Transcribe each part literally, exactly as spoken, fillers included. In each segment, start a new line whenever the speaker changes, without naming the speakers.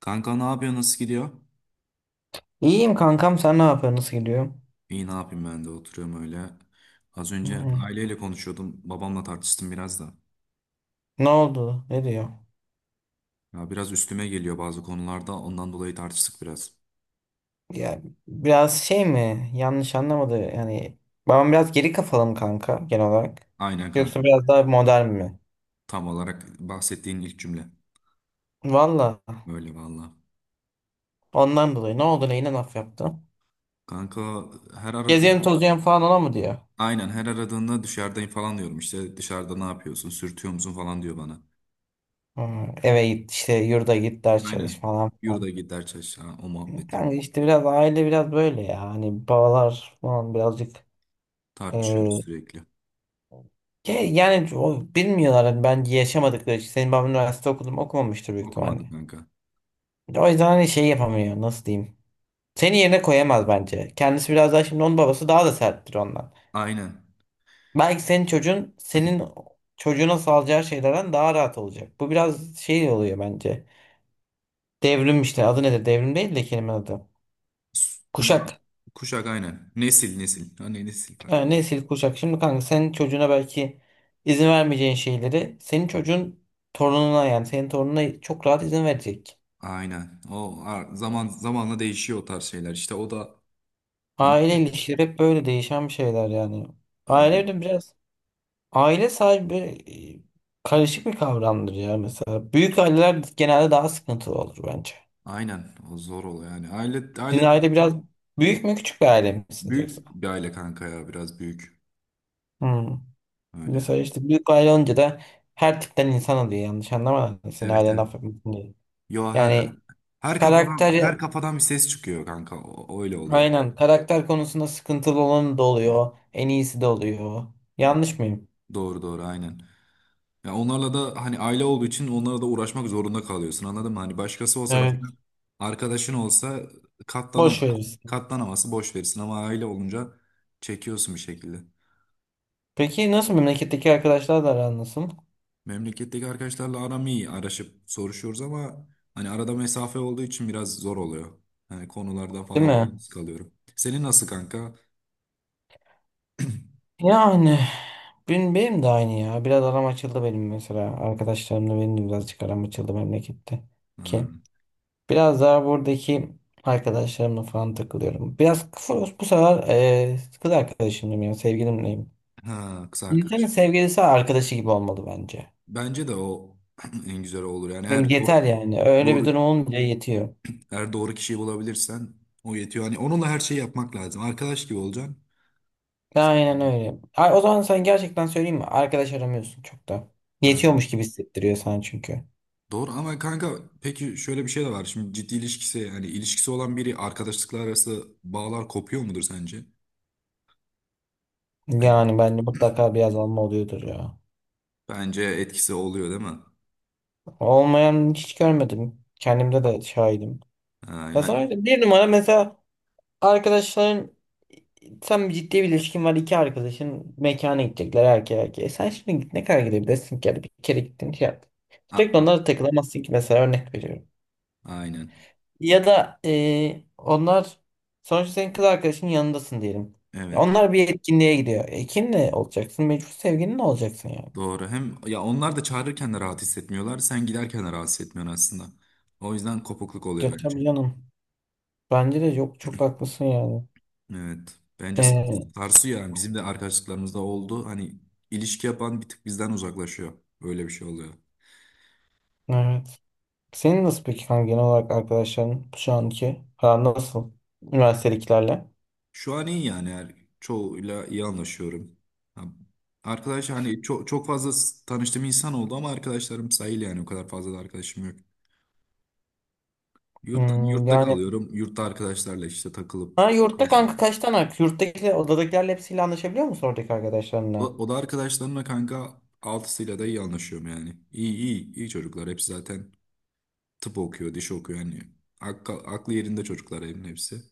Kanka ne yapıyor? Nasıl gidiyor?
İyiyim kankam, sen ne yapıyorsun? Nasıl gidiyor?
İyi ne yapayım ben de oturuyorum öyle. Az önce
Hmm.
aileyle konuşuyordum. Babamla tartıştım biraz da.
Ne oldu? Ne diyor?
Ya biraz üstüme geliyor bazı konularda. Ondan dolayı tartıştık biraz.
Ya biraz şey mi? Yanlış anlamadı. Yani babam biraz geri kafalı mı kanka genel olarak?
Aynen kanka.
Yoksa biraz daha modern mi?
Tam olarak bahsettiğin ilk cümle.
Valla
Böyle valla.
ondan dolayı ne oldu, neyine laf yaptı?
Kanka, her
Gezelim
aradığında
tozayım falan ona mı diyor?
aynen her aradığında dışarıdayım falan diyorum. İşte dışarıda ne yapıyorsun? Sürtüyor musun falan diyor bana.
Hmm, eve git işte, yurda git, ders çalış
Aynen.
falan filan.
Yurda gider çarşı, o muhabbet.
Kanka işte biraz aile biraz böyle ya. Hani babalar falan birazcık
Tartışıyoruz sürekli.
Ya- yani o, bilmiyorlar hani ben yaşamadıkları için. Senin baban üniversite okudum okumamıştır büyük
Okumadı
ihtimalle.
kanka.
O yüzden hani şey yapamıyor, nasıl diyeyim. Seni yerine koyamaz bence. Kendisi biraz daha şimdi, onun babası daha da serttir ondan.
Aynen.
Belki senin çocuğun senin çocuğuna sağlayacağı şeylerden daha rahat olacak. Bu biraz şey oluyor bence. Devrim işte, adı nedir? Devrim değil de kelime adı.
Zam-
Kuşak.
Kuşak aynen. Nesil nesil. Hani nesil fark.
Ha, nesil kuşak. Şimdi kanka senin çocuğuna belki izin vermeyeceğin şeyleri senin çocuğun torununa, yani senin torununa çok rahat izin verecek.
Aynen. O a- zaman zamanla değişiyor o tarz şeyler. İşte o da hani
Aile ilişkileri hep böyle değişen bir şeyler yani.
öyle.
Aile de biraz, aile sahibi e, karışık bir kavramdır ya mesela. Büyük aileler genelde daha sıkıntılı olur bence.
Aynen. O zor oluyor yani. Aile aile
Sizin
de
aile biraz büyük mü, küçük bir aile misiniz yoksa?
büyük bir aile kanka, ya biraz büyük.
Hmm.
Öyle
Mesela
yani.
işte büyük aile olunca da her tipten insan oluyor, yanlış anlama. Senin
Evet,
ailen
evet.
affetmesin diye.
Yo, her
Yani
her
karakter,
kafadan her kafadan bir ses çıkıyor kanka. O, öyle oluyor.
aynen karakter konusunda sıkıntılı olan da oluyor. En iyisi de oluyor. Yanlış mıyım?
Doğru, doğru, aynen. Ya onlarla da hani aile olduğu için onlara da uğraşmak zorunda kalıyorsun, anladın mı? Hani başkası olsa, mesela
Evet.
arkadaşın olsa
Boş
katlanamaz.
verirsin.
Katlanaması boş verirsin ama aile olunca çekiyorsun bir şekilde.
Peki nasıl, memleketteki arkadaşlar da aran nasıl?
Memleketteki arkadaşlarla aram iyi. Araşıp soruşuyoruz ama hani arada mesafe olduğu için biraz zor oluyor. Hani konularda
Değil
falan
mi?
yalnız kalıyorum. Senin nasıl kanka?
Yani benim, benim de aynı ya. Biraz aram açıldı benim mesela. Arkadaşlarımla benim de birazcık aram açıldı memlekette. Ki
Hmm.
biraz daha buradaki arkadaşlarımla falan takılıyorum. Biraz kısa- bu sefer e, kız arkadaşımla, yani sevgilimleyim.
Ha, kız
İnsanın
arkadaş.
sevgilisi arkadaşı gibi olmalı bence.
Bence de o en güzel olur. Yani
Yani
eğer doğru,
yeter yani. Öyle bir
doğru,
durum olunca yetiyor.
Eğer doğru kişiyi bulabilirsen o yetiyor. Hani onunla her şeyi yapmak lazım. Arkadaş gibi olacaksın.
Aynen öyle. Ay, o zaman sen gerçekten, söyleyeyim mi? Arkadaş aramıyorsun çok da.
Ha,
Yetiyormuş gibi hissettiriyor sana çünkü.
doğru ama kanka peki şöyle bir şey de var. Şimdi ciddi ilişkisi hani ilişkisi olan biri arkadaşlıklar arası bağlar kopuyor mudur sence? Hani
Yani bence mutlaka bir azalma oluyordur ya.
bence etkisi oluyor değil mi?
Olmayan hiç görmedim. Kendimde de şahidim.
Ha,
Ya
ya,
sonra bir numara mesela, arkadaşların, sen bir ciddi bir ilişkin var, iki arkadaşın mekana gidecekler erkeğe erkeğe. E sen şimdi git, ne kadar gidebilirsin ki? Yani bir kere gittin şey yap.
a-
Sürekli
a-
onlara takılamazsın ki, mesela örnek veriyorum.
aynen.
Ya da e, onlar, sonuçta senin kız arkadaşının yanındasın diyelim. Ya
Evet.
onlar bir etkinliğe gidiyor. E kimle olacaksın? Mecbur sevgilinle olacaksın yani.
Doğru. Hem ya onlar da çağırırken de rahat hissetmiyorlar. Sen giderken de rahat hissetmiyorsun aslında. O yüzden kopukluk
Ya
oluyor bence.
tabii canım. Bence de yok, çok haklısın yani.
Evet. Bence sar-
Ee,
sarsıyor yani. Bizim de arkadaşlıklarımızda oldu. Hani ilişki yapan bir tık bizden uzaklaşıyor. Öyle bir şey oluyor.
evet. Senin nasıl peki kanka, genel olarak arkadaşların şu anki aran nasıl? Üniversitedekilerle.
Şu an iyi yani. Her çoğuyla iyi anlaşıyorum. Ha, arkadaş hani çok çok fazla s- tanıştığım insan oldu ama arkadaşlarım sayılı yani. O kadar fazla da arkadaşım yok. Yurttan
Hmm,
yurtta
yani
kalıyorum. Yurtta arkadaşlarla işte takılıp
ha, yurtta kanka
geziyorum.
kaç tane arkadaş? Yurttakiler, odadakilerle hepsiyle anlaşabiliyor musun oradaki
O,
arkadaşlarınla?
o da arkadaşlarımla kanka altısıyla da iyi anlaşıyorum yani. İyi iyi iyi çocuklar. Hepsi zaten tıp okuyor, diş okuyor yani. Aklı, aklı yerinde çocuklar evin hepsi.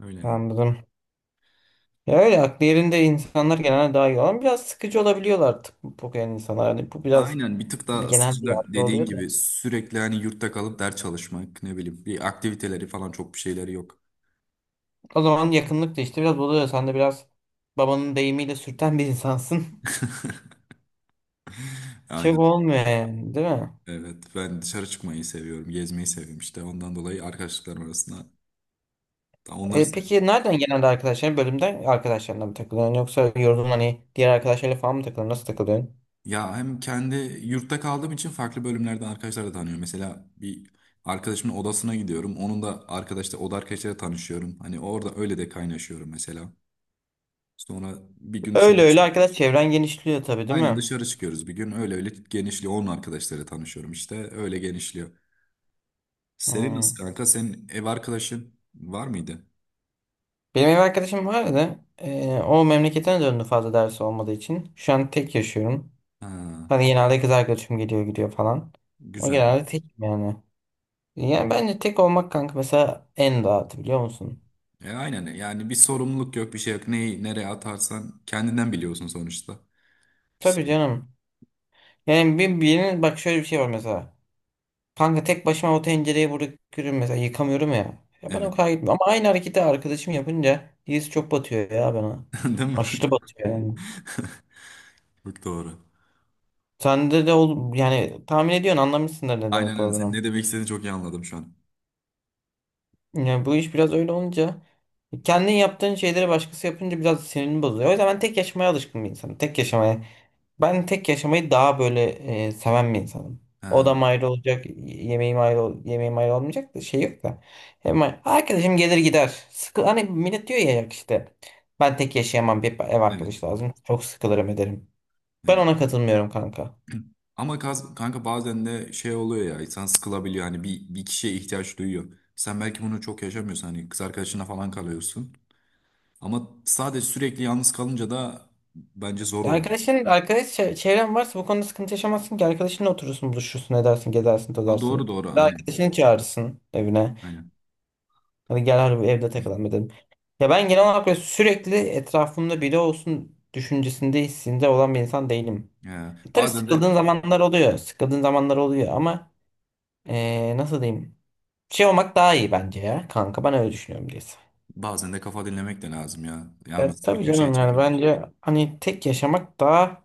Öyle yani.
Anladım. Ya öyle aklı yerinde insanlar genelde daha iyi olan biraz sıkıcı olabiliyorlar, tıp- bu genel insanlar. Yani bu biraz,
Aynen bir tık
tabii
daha
genel bir
sıkıcılar
yargı
dediğin
oluyor da.
gibi sürekli hani yurtta kalıp ders çalışmak, ne bileyim, bir aktiviteleri falan çok bir şeyleri yok.
O zaman yakınlık da işte biraz buluyor. Sen de biraz babanın deyimiyle sürten bir insansın. Çok
Aynen
olmuyor yani değil mi?
evet, ben dışarı çıkmayı seviyorum, gezmeyi seviyorum işte ondan dolayı arkadaşlıklarım arasında onları
E,
seviyorum.
peki nereden genelde arkadaşların, bölümden arkadaşlarına mı takılıyorsun, yoksa yorulun hani diğer arkadaşlarla falan mı takılıyorsun, nasıl takılıyorsun?
Ya hem kendi yurtta kaldığım için farklı bölümlerden arkadaşlar da tanıyorum. Mesela bir arkadaşımın odasına gidiyorum, onun da arkadaşlar oda arkadaşlarıyla tanışıyorum, hani orada öyle de kaynaşıyorum mesela. Sonra bir gün
Öyle
dışarı
öyle
çık-
arkadaş çevren genişliyor tabii değil
Aynen
mi?
dışarı çıkıyoruz bir gün. Öyle öyle genişliyor. Onun arkadaşlarıyla tanışıyorum işte. Öyle genişliyor. Senin nasıl
Hmm.
kanka? Senin ev arkadaşın var mıydı?
Benim ev arkadaşım vardı. E, o memleketine döndü fazla dersi olmadığı için. Şu an tek yaşıyorum.
Ha,
Hani genelde kız arkadaşım geliyor gidiyor falan. Ama
güzel.
genelde tekim yani. Yani bence tek olmak kanka mesela en rahatı, biliyor musun?
E, aynen yani, bir sorumluluk yok bir şey yok. Neyi nereye atarsan kendinden biliyorsun sonuçta. Bir
Tabii
şey.
canım. Yani bir, birinin bak, şöyle bir şey var mesela. Kanka tek başıma o tencereyi bırakıyorum mesela, yıkamıyorum ya. Ya bana o
Evet.
kadar gitmiyor. Ama aynı hareketi arkadaşım yapınca his çok batıyor ya bana.
Değil mi?
Aşırı batıyor yani.
Çok doğru.
Sende de ol yani, tahmin ediyorsun, anlamışsındır ne
Aynen
demek
öyle. Senin
olduğunu.
ne demek istediğini çok iyi anladım şu an.
Yani bu iş biraz öyle olunca, kendin yaptığın şeyleri başkası yapınca biraz sinirini bozuyor. O yüzden ben tek yaşamaya alışkın bir insanım. Tek yaşamaya. Ben tek yaşamayı daha böyle e, seven bir insanım.
Ha,
Odam ayrı olacak, yemeğim ayrı, ol- yemeğim ayrı olmayacak da şey yok da. Hemen arkadaşım gelir gider. Sıkı, hani millet diyor ya ya işte ben tek yaşayamam, bir ev
evet.
arkadaş lazım, çok sıkılırım ederim. Ben
Evet.
ona katılmıyorum kanka.
Ama kaz- kanka bazen de şey oluyor ya, insan sıkılabiliyor hani bir, bir kişiye ihtiyaç duyuyor. Sen belki bunu çok yaşamıyorsun, hani kız arkadaşına falan kalıyorsun. Ama sadece sürekli yalnız kalınca da bence zor
Ya
oluyor.
Arkadaşın, arkadaş çe- çevren varsa bu konuda sıkıntı yaşamazsın ki. Arkadaşınla oturursun, buluşursun, edersin, gezersin,
Ha, doğru
tozarsın.
doğru
Ve
aynen.
arkadaşını çağırırsın evine.
Aynen.
Hani gel harbi evde takılalım dedim. Ya ben genel olarak böyle sürekli etrafımda biri olsun düşüncesinde, hissinde olan bir insan değilim.
Ya,
E, tabii
bazen de
sıkıldığın zamanlar oluyor. Sıkıldığın zamanlar oluyor ama e, nasıl diyeyim? Şey olmak daha iyi bence ya kanka, ben öyle düşünüyorum diyorsun.
bazen de kafa dinlemek de lazım ya.
Ya
Yalnız bir
tabii
köşeye
canım, yani
çekildim.
bence hani tek yaşamak daha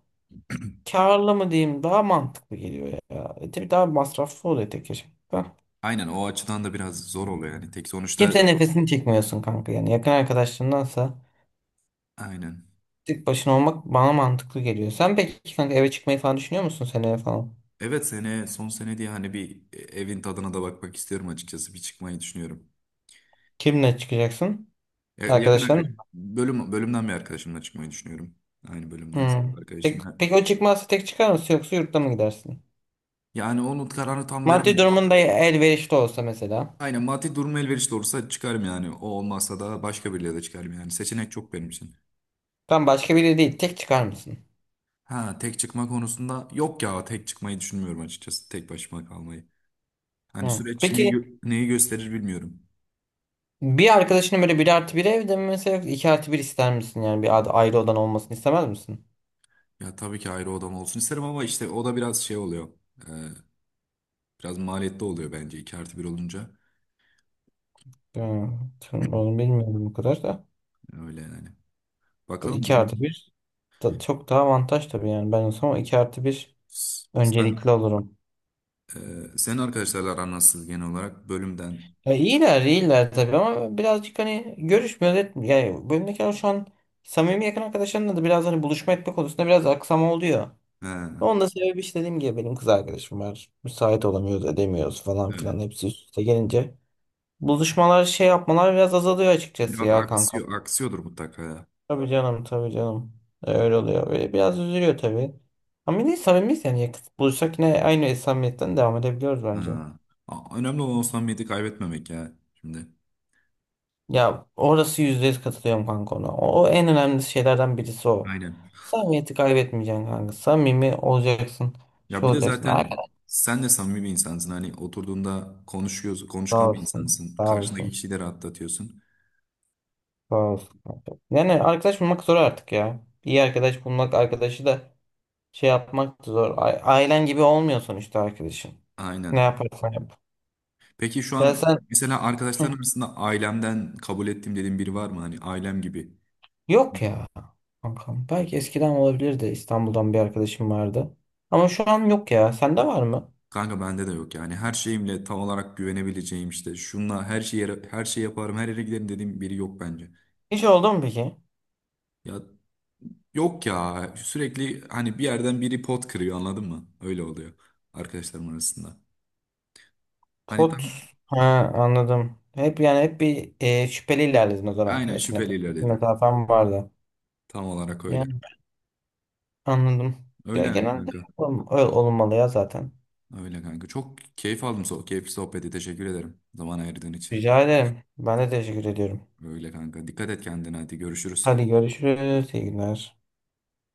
karlı mı diyeyim, daha mantıklı geliyor ya. E, tabii daha masraflı oluyor tek yaşamak da.
Aynen, o açıdan da biraz zor oluyor yani. Tek sonuçta
Kimsenin nefesini çekmiyorsun kanka yani, yakın arkadaşlarındansa
aynen.
tek başına olmak bana mantıklı geliyor. Sen peki kanka eve çıkmayı falan düşünüyor musun seneye falan?
Evet, sene son sene diye hani bir evin tadına da bakmak istiyorum açıkçası. Bir çıkmayı düşünüyorum.
Kimle çıkacaksın?
Ya- Yakın
Arkadaşların
arkadaş.
mı?
Bölüm, bölümden bir arkadaşımla çıkmayı düşünüyorum. Aynı bölümden
Hmm.
arkadaşım.
Tek,
Yani
peki o çıkmazsa tek çıkar mısın yoksa yurtta mı gidersin?
Yani onun kararını tam
Maddi
veremiyorum.
durumun da elverişli olsa mesela.
Aynen, maddi durum elverişli olursa çıkarım yani. O olmazsa da başka biriyle de çıkarım yani. Seçenek çok benim için.
Tam başka biri değil, tek çıkar mısın?
Ha, tek çıkma konusunda yok ya, tek çıkmayı düşünmüyorum açıkçası. Tek başıma kalmayı. Hani
Hmm.
süreç neyi,
Peki
gö- neyi gösterir bilmiyorum.
bir arkadaşının, böyle bir artı bir evde mi mesela, yoksa iki artı bir ister misin? Yani bir ad- ayrı odan olmasını istemez misin?
Ya tabii ki ayrı odam olsun isterim ama işte o da biraz şey oluyor. Ee, biraz maliyetli oluyor bence iki artı bir olunca.
Hmm. Tüm- Onu bilmiyorum bu kadar da.
Öyle yani.
Bu
Bakalım
iki
durum.
artı bir, da- çok daha avantaj tabii, yani ben olsam iki artı bir
S- Sen
öncelikli olurum.
Ee, senin arkadaşlarla aran nasıl genel olarak bölümden?
Ya iyiler iyiler tabii, ama birazcık hani görüşmüyor etmiyor. Yani bölümdekiler şu an, samimi yakın arkadaşlarımla da biraz hani buluşma etme konusunda biraz aksama oluyor.
Ha,
Onun da sebebi işte dediğim gibi, benim kız arkadaşım var. Müsait olamıyoruz, edemiyoruz falan filan,
evet.
hepsi üst üste gelince. Buluşmalar şey yapmalar biraz azalıyor açıkçası
Biraz
ya kanka.
aksıyor, aksıyordur mutlaka ya.
Tabii canım, tabii canım. E, Öyle oluyor. Böyle biraz üzülüyor tabii. Ama yine samimiyiz yani. Buluşsak yine aynı samimiyetten devam edebiliyoruz bence.
Ha. A- Önemli olan o samimiyeti kaybetmemek ya şimdi.
Ya orası yüzde yüz katılıyorum kanka ona. O, o en önemli şeylerden birisi o.
Aynen.
Samimiyeti kaybetmeyeceksin kanka. Samimi olacaksın.
Ya
Şu
bir de
olacaksın.
zaten
Arkadaş
sen de samimi bir insansın. Hani oturduğunda konuşuyorsun,
sağ
konuşkan bir
olsun.
insansın.
Sağ
Karşındaki
olsun.
kişiyi de rahatlatıyorsun.
Sağ olsun kanka. Yani arkadaş bulmak zor artık ya. İyi arkadaş bulmak, arkadaşı da şey yapmak da zor. A- Ailen gibi olmuyor sonuçta arkadaşın. Ne
Aynen.
yaparsan yap.
Peki şu
Ya
an
sen.
mesela
Hı.
arkadaşların arasında ailemden kabul ettim dediğin biri var mı? Hani ailem gibi.
Yok ya kankam. Belki eskiden olabilir de, İstanbul'dan bir arkadaşım vardı. Ama şu an yok ya. Sende var mı?
Kanka bende de yok yani. Her şeyimle tam olarak güvenebileceğim işte. Şunla her şeyi her şey yaparım, her yere giderim dediğim biri yok bence.
Hiç oldu mu peki?
Ya yok ya. Sürekli hani bir yerden biri pot kırıyor, anladın mı? Öyle oluyor arkadaşlarım arasında. Hani tam
Pot. Ha, anladım. Hep yani, hep bir e, şüpheli ilerledin o zaman
aynen
arkadaşına
şüpheli
karşı. Bir
ilerledim.
mesafen vardı.
Tam olarak öyle.
Yani anladım. Ya,
Öyle yani
genelde
kanka.
ol- öyle olmalı ya zaten.
Öyle kanka. Çok keyif aldım so keyifli sohbeti. Teşekkür ederim zaman ayırdığın için.
Rica ederim. Ben de teşekkür ediyorum.
Öyle kanka. Dikkat et kendine, hadi görüşürüz.
Hadi görüşürüz. İyi günler.